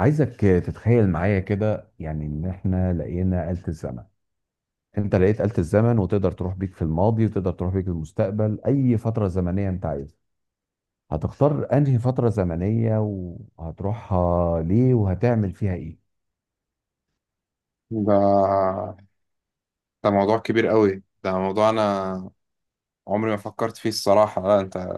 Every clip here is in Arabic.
عايزك تتخيل معايا كده، يعني ان احنا لقينا آلة الزمن. انت لقيت آلة الزمن وتقدر تروح بيك في الماضي وتقدر تروح بيك المستقبل، اي فترة زمنية انت عايزها. هتختار انهي فترة زمنية وهتروحها ليه وهتعمل فيها ايه؟ ده ده موضوع كبير قوي. ده موضوع انا عمري ما فكرت فيه الصراحة. لا انت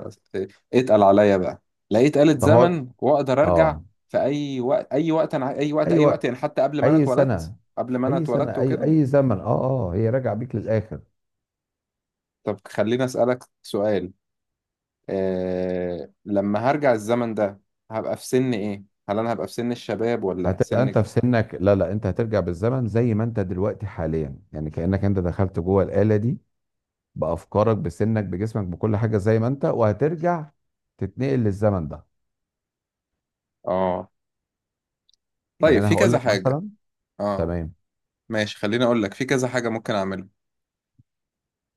اتقل عليا بقى. لقيت آلة طب هقول، زمن واقدر ارجع اه. في اي وقت، اي وقت، انا اي وقت اي اي وقت يعني وقت. حتى قبل ما انا اي اتولدت، سنة. قبل ما انا اي سنة، اتولدت اي وكده. اي زمن، اه، اه، هي راجعة بيك للاخر. طب خليني اسألك سؤال، إيه لما هرجع الزمن ده هبقى في سن ايه؟ هل انا هبقى في سن الشباب ولا هتبقى انت سن؟ في سنك. لا، لا، انت هترجع بالزمن زي ما انت دلوقتي حاليا، يعني كأنك انت دخلت جوه الآلة دي بافكارك بسنك بجسمك بكل حاجه زي ما انت، وهترجع تتنقل للزمن ده. اه، يعني طيب انا في هقول كذا لك حاجة. مثلا. اه تمام. ماشي، خليني اقول لك، في كذا حاجة ممكن اعملها.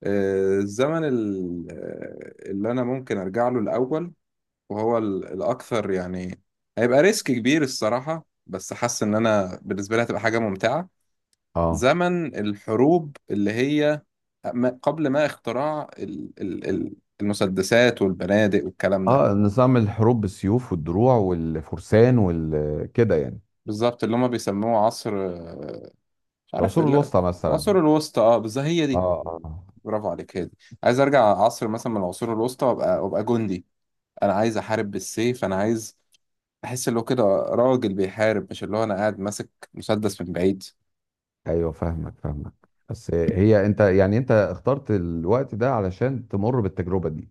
الزمن اللي انا ممكن ارجع له الاول، وهو الاكثر يعني، هيبقى ريسك كبير الصراحه، بس حاسس ان انا بالنسبه لي هتبقى حاجه ممتعه. اه زمن الحروب، اللي هي قبل ما اختراع المسدسات والبنادق والكلام ده. اه. نظام الحروب بالسيوف والدروع والفرسان والكده يعني. بالظبط، اللي هم بيسموه عصر مش عارف العصور ال- الوسطى مثلا. العصور الوسطى، اه بالظبط هي اه، دي. اه. برافو عليك، هي دي. عايز ارجع عصر مثلا من العصور الوسطى، وابقى جندي. انا عايز احارب بالسيف. انا عايز بحس اللي هو كده راجل بيحارب، مش اللي هو انا قاعد ماسك مسدس من بعيد. ايوه، فاهمك، فاهمك. بس هي انت يعني، انت اخترت الوقت ده علشان تمر بالتجربه دي.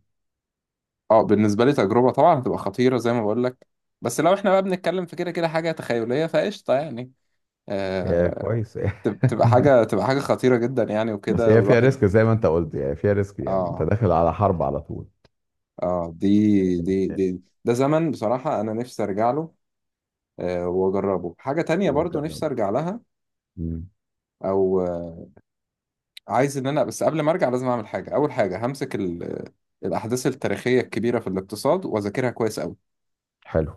اه بالنسبه لي تجربه طبعا هتبقى خطيره زي ما بقول لك. بس لو احنا بقى بنتكلم في كده كده حاجه تخيليه فقشطه يعني. هي آه، كويس. تبقى حاجه خطيره جدا يعني بس وكده هي فيها والواحد. ريسك زي ما انت قلت، يعني فيها ريسك، يعني انت اه، داخل على حرب على طول. اه، دي ده زمن بصراحه انا نفسي ارجع له. آه، واجربه. حاجه تانية برضو وتجرب. نفسي ارجع لها، مم. او آه، عايز ان انا بس قبل ما ارجع لازم اعمل حاجه. اول حاجه همسك الاحداث التاريخيه الكبيره في الاقتصاد واذاكرها كويس قوي. حلو.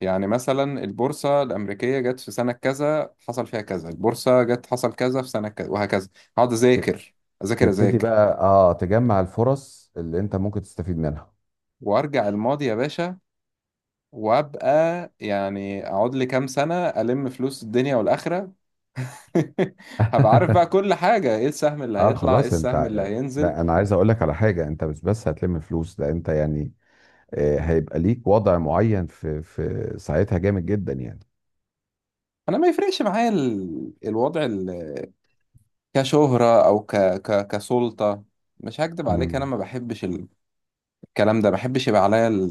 يعني مثلا البورصة الأمريكية جت في سنة كذا حصل فيها كذا، البورصة جت حصل كذا في سنة كذا، وهكذا. هقعد أذاكر تبتدي أذاكر. بقى تجمع الفرص اللي انت ممكن تستفيد منها. وأرجع الماضي يا باشا، وأبقى يعني أقعد لي كام سنة ألم فلوس الدنيا والآخرة. هبقى عارف بقى كل حاجة، إيه السهم اللي اه، هيطلع إيه خلاص، انت السهم اللي هينزل. لا، انا عايز اقول لك على حاجه، انت مش بس هتلم فلوس، ده انت يعني هيبقى ليك وضع معين في ساعتها جامد جدا يعني. أنا ما يفرقش معايا الوضع كشهرة، أو كسلطة. مش هكدب عليك، أنا مم. ما بحبش الكلام ده، ما بحبش يبقى عليا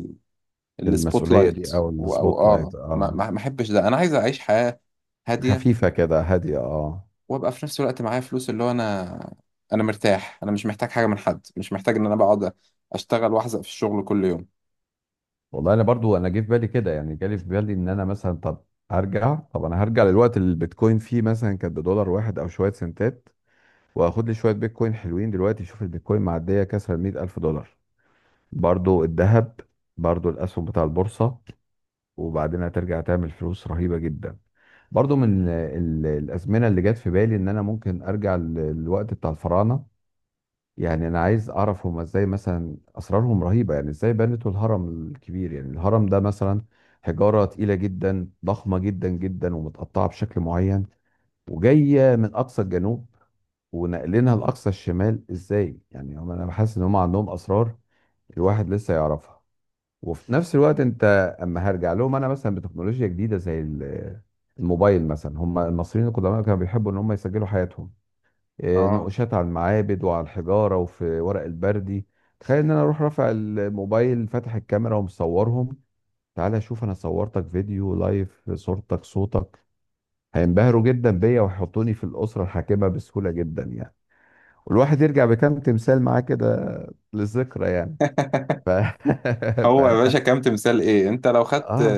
السبوت المسؤوليه لايت. دي او و- او السبوت اه لايت، ما اه. احبش ده. انا عايز اعيش حياة هادية، خفيفه كده، هاديه، اه. وابقى في نفس الوقت معايا فلوس، اللي هو انا مرتاح، انا مش محتاج حاجة من حد، مش محتاج ان انا بقعد اشتغل واحزق في الشغل كل يوم. والله انا برضو، انا جه في بالي كده يعني، جالي في بالي ان انا مثلا، طب هرجع، طب انا هرجع للوقت اللي البيتكوين فيه مثلا كانت بدولار واحد او شويه سنتات، واخد لي شويه بيتكوين حلوين، دلوقتي شوف البيتكوين معديه كسر ال 100 ألف دولار. برضو الذهب. برضو الاسهم بتاع البورصه. وبعدين هترجع تعمل فلوس رهيبه جدا. برضو من الازمنه اللي جت في بالي ان انا ممكن ارجع للوقت بتاع الفراعنه. يعني انا عايز اعرف هما ازاي مثلا، اسرارهم رهيبه، يعني ازاي بنتوا الهرم الكبير؟ يعني الهرم ده مثلا حجاره تقيله جدا، ضخمه جدا جدا ومتقطعه بشكل معين وجايه من اقصى الجنوب ونقلينها لاقصى الشمال ازاي؟ يعني انا بحس ان هم عندهم اسرار الواحد لسه يعرفها. وفي نفس الوقت انت، اما هرجع لهم انا مثلا بتكنولوجيا جديده زي الموبايل مثلا، هم المصريين القدماء كانوا بيحبوا ان هم يسجلوا حياتهم، إيه، اه. نقوشات على المعابد وعلى الحجاره وفي ورق البردي. تخيل ان انا اروح رافع الموبايل، فاتح الكاميرا ومصورهم. تعالى شوف، انا صورتك فيديو لايف، صورتك صوتك. هينبهروا جدا بيا ويحطوني في الاسره الحاكمه بسهوله جدا يعني. والواحد يرجع بكام تمثال معاه كده، للذكرى يعني. ف... ف... هو يا باشا كام تمثال ايه، انت لو خدت اه،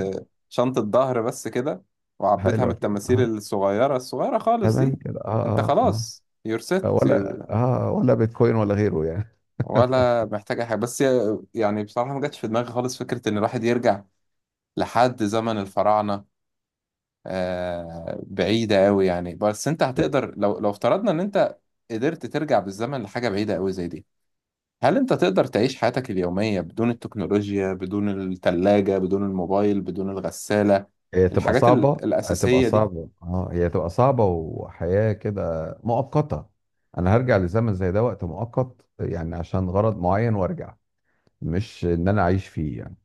شنطة ظهر بس كده وعبيتها من حلوة كده، التماثيل اه. الصغيرة خالص تمام دي، كده، انت اه، اه. خلاص. you're set. اه ولا اه ولا بيتكوين ولا غيره يعني. ولا محتاج اي حاجة بس. يعني بصراحة ما جاتش في دماغي خالص فكرة ان الواحد يرجع لحد زمن الفراعنة. بعيدة قوي يعني، بس انت لا، هتقدر، لو لو افترضنا ان انت قدرت ترجع بالزمن لحاجة بعيدة قوي زي دي، هل انت تقدر تعيش حياتك اليومية بدون التكنولوجيا، بدون التلاجة، بدون الموبايل، بدون الغسالة، هي تبقى الحاجات صعبة، هتبقى الأساسية دي؟ صعبة، اه، هي تبقى صعبة وحياة كده مؤقتة. انا هرجع لزمن زي ده وقت مؤقت يعني عشان غرض معين وارجع، مش ان انا اعيش فيه يعني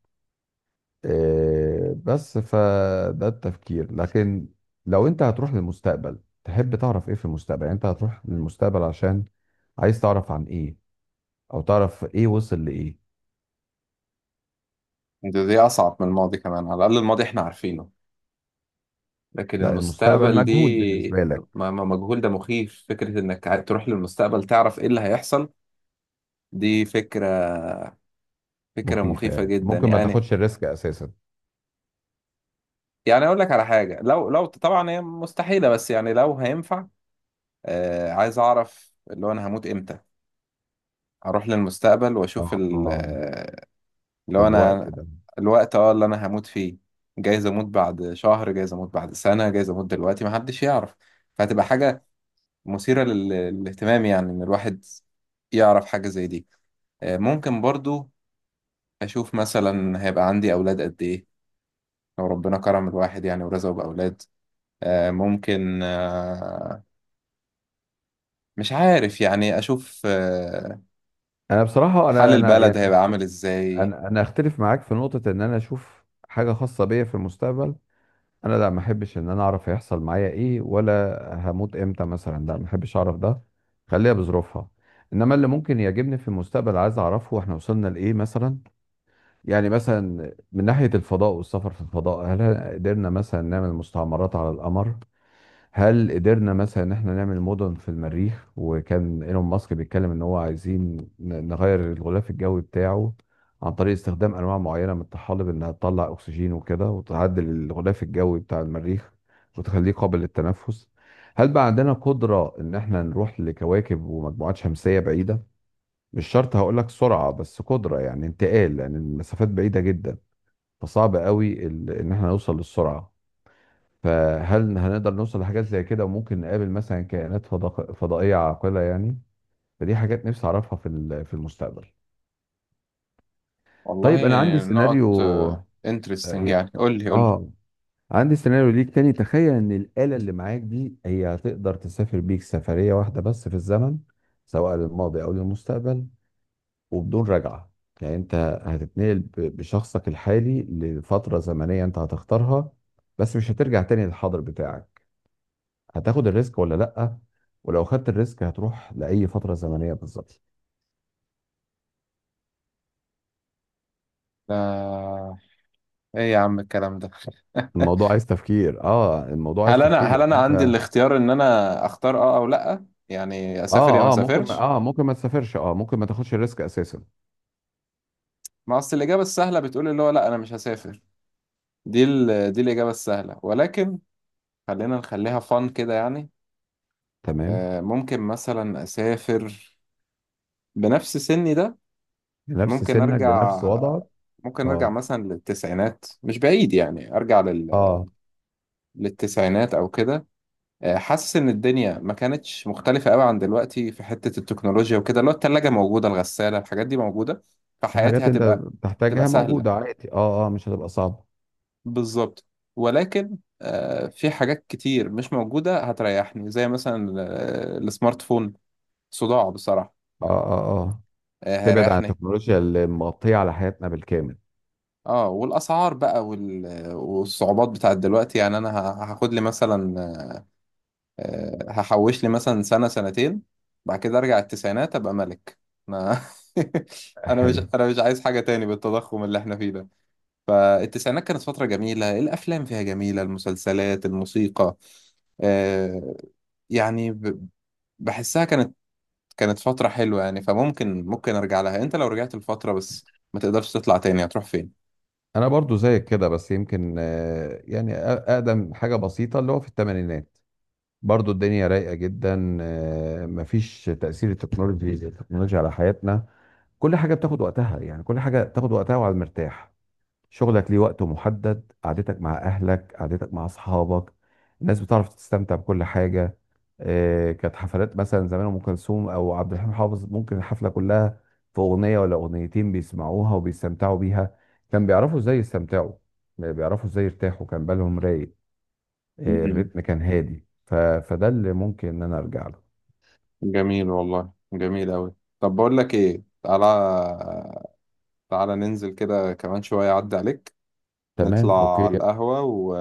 بس فده التفكير. لكن لو انت هتروح للمستقبل تحب تعرف ايه في المستقبل؟ يعني انت هتروح للمستقبل عشان عايز تعرف عن ايه، او تعرف ايه وصل لايه؟ دي أصعب من الماضي كمان. على الأقل الماضي احنا عارفينه، لكن لا، المستقبل المستقبل مجهول دي بالنسبة لك. مجهول. ده مخيف فكرة انك تروح للمستقبل تعرف ايه اللي هيحصل. دي فكرة، فكرة مخيفة، مخيفة يعني جدا ممكن ما يعني. تاخدش الريسك اساسا. يعني اقول لك على حاجه، لو لو طبعا هي مستحيله بس يعني لو هينفع، آه عايز اعرف اللي هو انا هموت امتى. اروح للمستقبل واشوف اه، اللي هو الوقت انا، ده. الوقت اه اللي انا هموت فيه. جايز اموت بعد شهر، جايز اموت بعد سنه، جايز اموت دلوقتي، محدش يعرف. فهتبقى حاجه مثيره للاهتمام يعني، ان الواحد يعرف حاجه زي دي. آه ممكن برضو اشوف مثلا هيبقى عندي اولاد قد ايه، لو ربنا كرم الواحد يعني ورزقه باولاد. آه، ممكن آه، مش عارف يعني، أشوف انا بصراحة، حال انا البلد يعني، هيبقى عامل إزاي. انا اختلف معاك في نقطة ان انا اشوف حاجة خاصة بيا في المستقبل. انا لا، ما احبش ان انا اعرف هيحصل معايا ايه، ولا هموت امتى مثلا. لا، ما احبش اعرف ده، خليها بظروفها. انما اللي ممكن يعجبني في المستقبل، عايز اعرفه احنا وصلنا لايه مثلا. يعني مثلا من ناحية الفضاء والسفر في الفضاء، هل قدرنا مثلا نعمل مستعمرات على القمر؟ هل قدرنا مثلا ان احنا نعمل مدن في المريخ؟ وكان ايلون ماسك بيتكلم ان هو عايزين نغير الغلاف الجوي بتاعه عن طريق استخدام انواع معينه من الطحالب انها تطلع اكسجين وكده، وتعدل الغلاف الجوي بتاع المريخ وتخليه قابل للتنفس. هل بقى عندنا قدره ان احنا نروح لكواكب ومجموعات شمسيه بعيده؟ مش شرط هقول لك سرعه بس قدره، يعني انتقال، لان يعني المسافات بعيده جدا، فصعب قوي ان احنا نوصل للسرعه. فهل هنقدر نوصل لحاجات زي كده، وممكن نقابل مثلا كائنات فضائية عاقلة يعني؟ فدي حاجات نفسي أعرفها في المستقبل. والله. طيب، أنا عندي نقط سيناريو. آه انترستنج يعني، قول لي قول لي. آه، عندي سيناريو ليك تاني. تخيل إن الآلة اللي معاك دي هي هتقدر تسافر بيك سفرية واحدة بس في الزمن، سواء للماضي أو للمستقبل، وبدون رجعة. يعني أنت هتتنقل بشخصك الحالي لفترة زمنية أنت هتختارها، بس مش هترجع تاني للحاضر بتاعك. هتاخد الريسك ولا لأ؟ ولو خدت الريسك هتروح لأي فترة زمنية بالظبط؟ لا، إيه يا عم الكلام ده؟ الموضوع عايز تفكير، الموضوع عايز تفكير هل لأن أنا عندي انت الاختيار إن أنا أختار أه أو لأ، يعني أسافر يا ما أسافرش؟ ممكن ما تسافرش، ممكن ما تاخدش الريسك اساسا. ما أصل الإجابة السهلة بتقول اللي هو لأ أنا مش هسافر، دي الإجابة السهلة، ولكن خلينا نخليها فن كده يعني. تمام. ممكن مثلا أسافر بنفس سني ده. بنفس ممكن سنك، أرجع، بنفس وضعك. ممكن ارجع اه، مثلا للتسعينات، مش بعيد يعني، ارجع اه، للتسعينات او كده. حاسس ان الدنيا ما كانتش مختلفه قوي عن دلوقتي في حته التكنولوجيا وكده، اللي هو الثلاجه موجوده، الغساله، الحاجات دي موجوده، فحياتي الحاجات اللي انت هتبقى تبقى بتحتاجها سهله موجودة عادي، اه، اه، مش هتبقى صعبة. بالظبط. ولكن في حاجات كتير مش موجوده هتريحني، زي مثلا السمارت فون صداع بصراحه، اه، اه، اه، تبعد عن هيريحني. التكنولوجيا اللي مغطية على حياتنا بالكامل. اه، والاسعار بقى والصعوبات بتاعت دلوقتي يعني، انا هاخد لي مثلا، هحوش لي مثلا سنة سنتين، بعد كده ارجع التسعينات ابقى ملك انا. انا مش، ايوه، انا مش عايز حاجة تاني بالتضخم اللي احنا فيه ده. فالتسعينات كانت فترة جميلة، الافلام فيها جميلة، المسلسلات، الموسيقى، آه، يعني بحسها كانت، كانت فترة حلوة يعني، فممكن ممكن ارجع لها. انت لو رجعت الفترة بس ما تقدرش تطلع تاني، هتروح فين؟ انا برضو زيك كده بس يمكن يعني اقدم حاجة بسيطة اللي هو في الثمانينات، برضو الدنيا رايقة جدا، مفيش تأثير التكنولوجيا على حياتنا. كل حاجة بتاخد وقتها يعني، كل حاجة بتاخد وقتها وعلى المرتاح. شغلك ليه وقت محدد، قعدتك مع أهلك، قعدتك مع أصحابك. الناس بتعرف تستمتع بكل حاجة. كانت حفلات مثلا زمان أم كلثوم أو عبد الحليم حافظ، ممكن الحفلة كلها في أغنية ولا أغنيتين بيسمعوها وبيستمتعوا بيها. كان بيعرفوا إزاي يستمتعوا، بيعرفوا إزاي يرتاحوا، كان بالهم رايق. إيه، مم. الريتم كان هادي، فده اللي ممكن ان انا ارجع له. جميل والله، جميل أوي. طب بقول لك ايه، تعالى تعالى ننزل كده كمان شوية، أعدي عليك، تمام، نطلع اوكي. على القهوة و...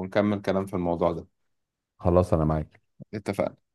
ونكمل كلام في الموضوع ده. خلاص انا معاك. اتفقنا.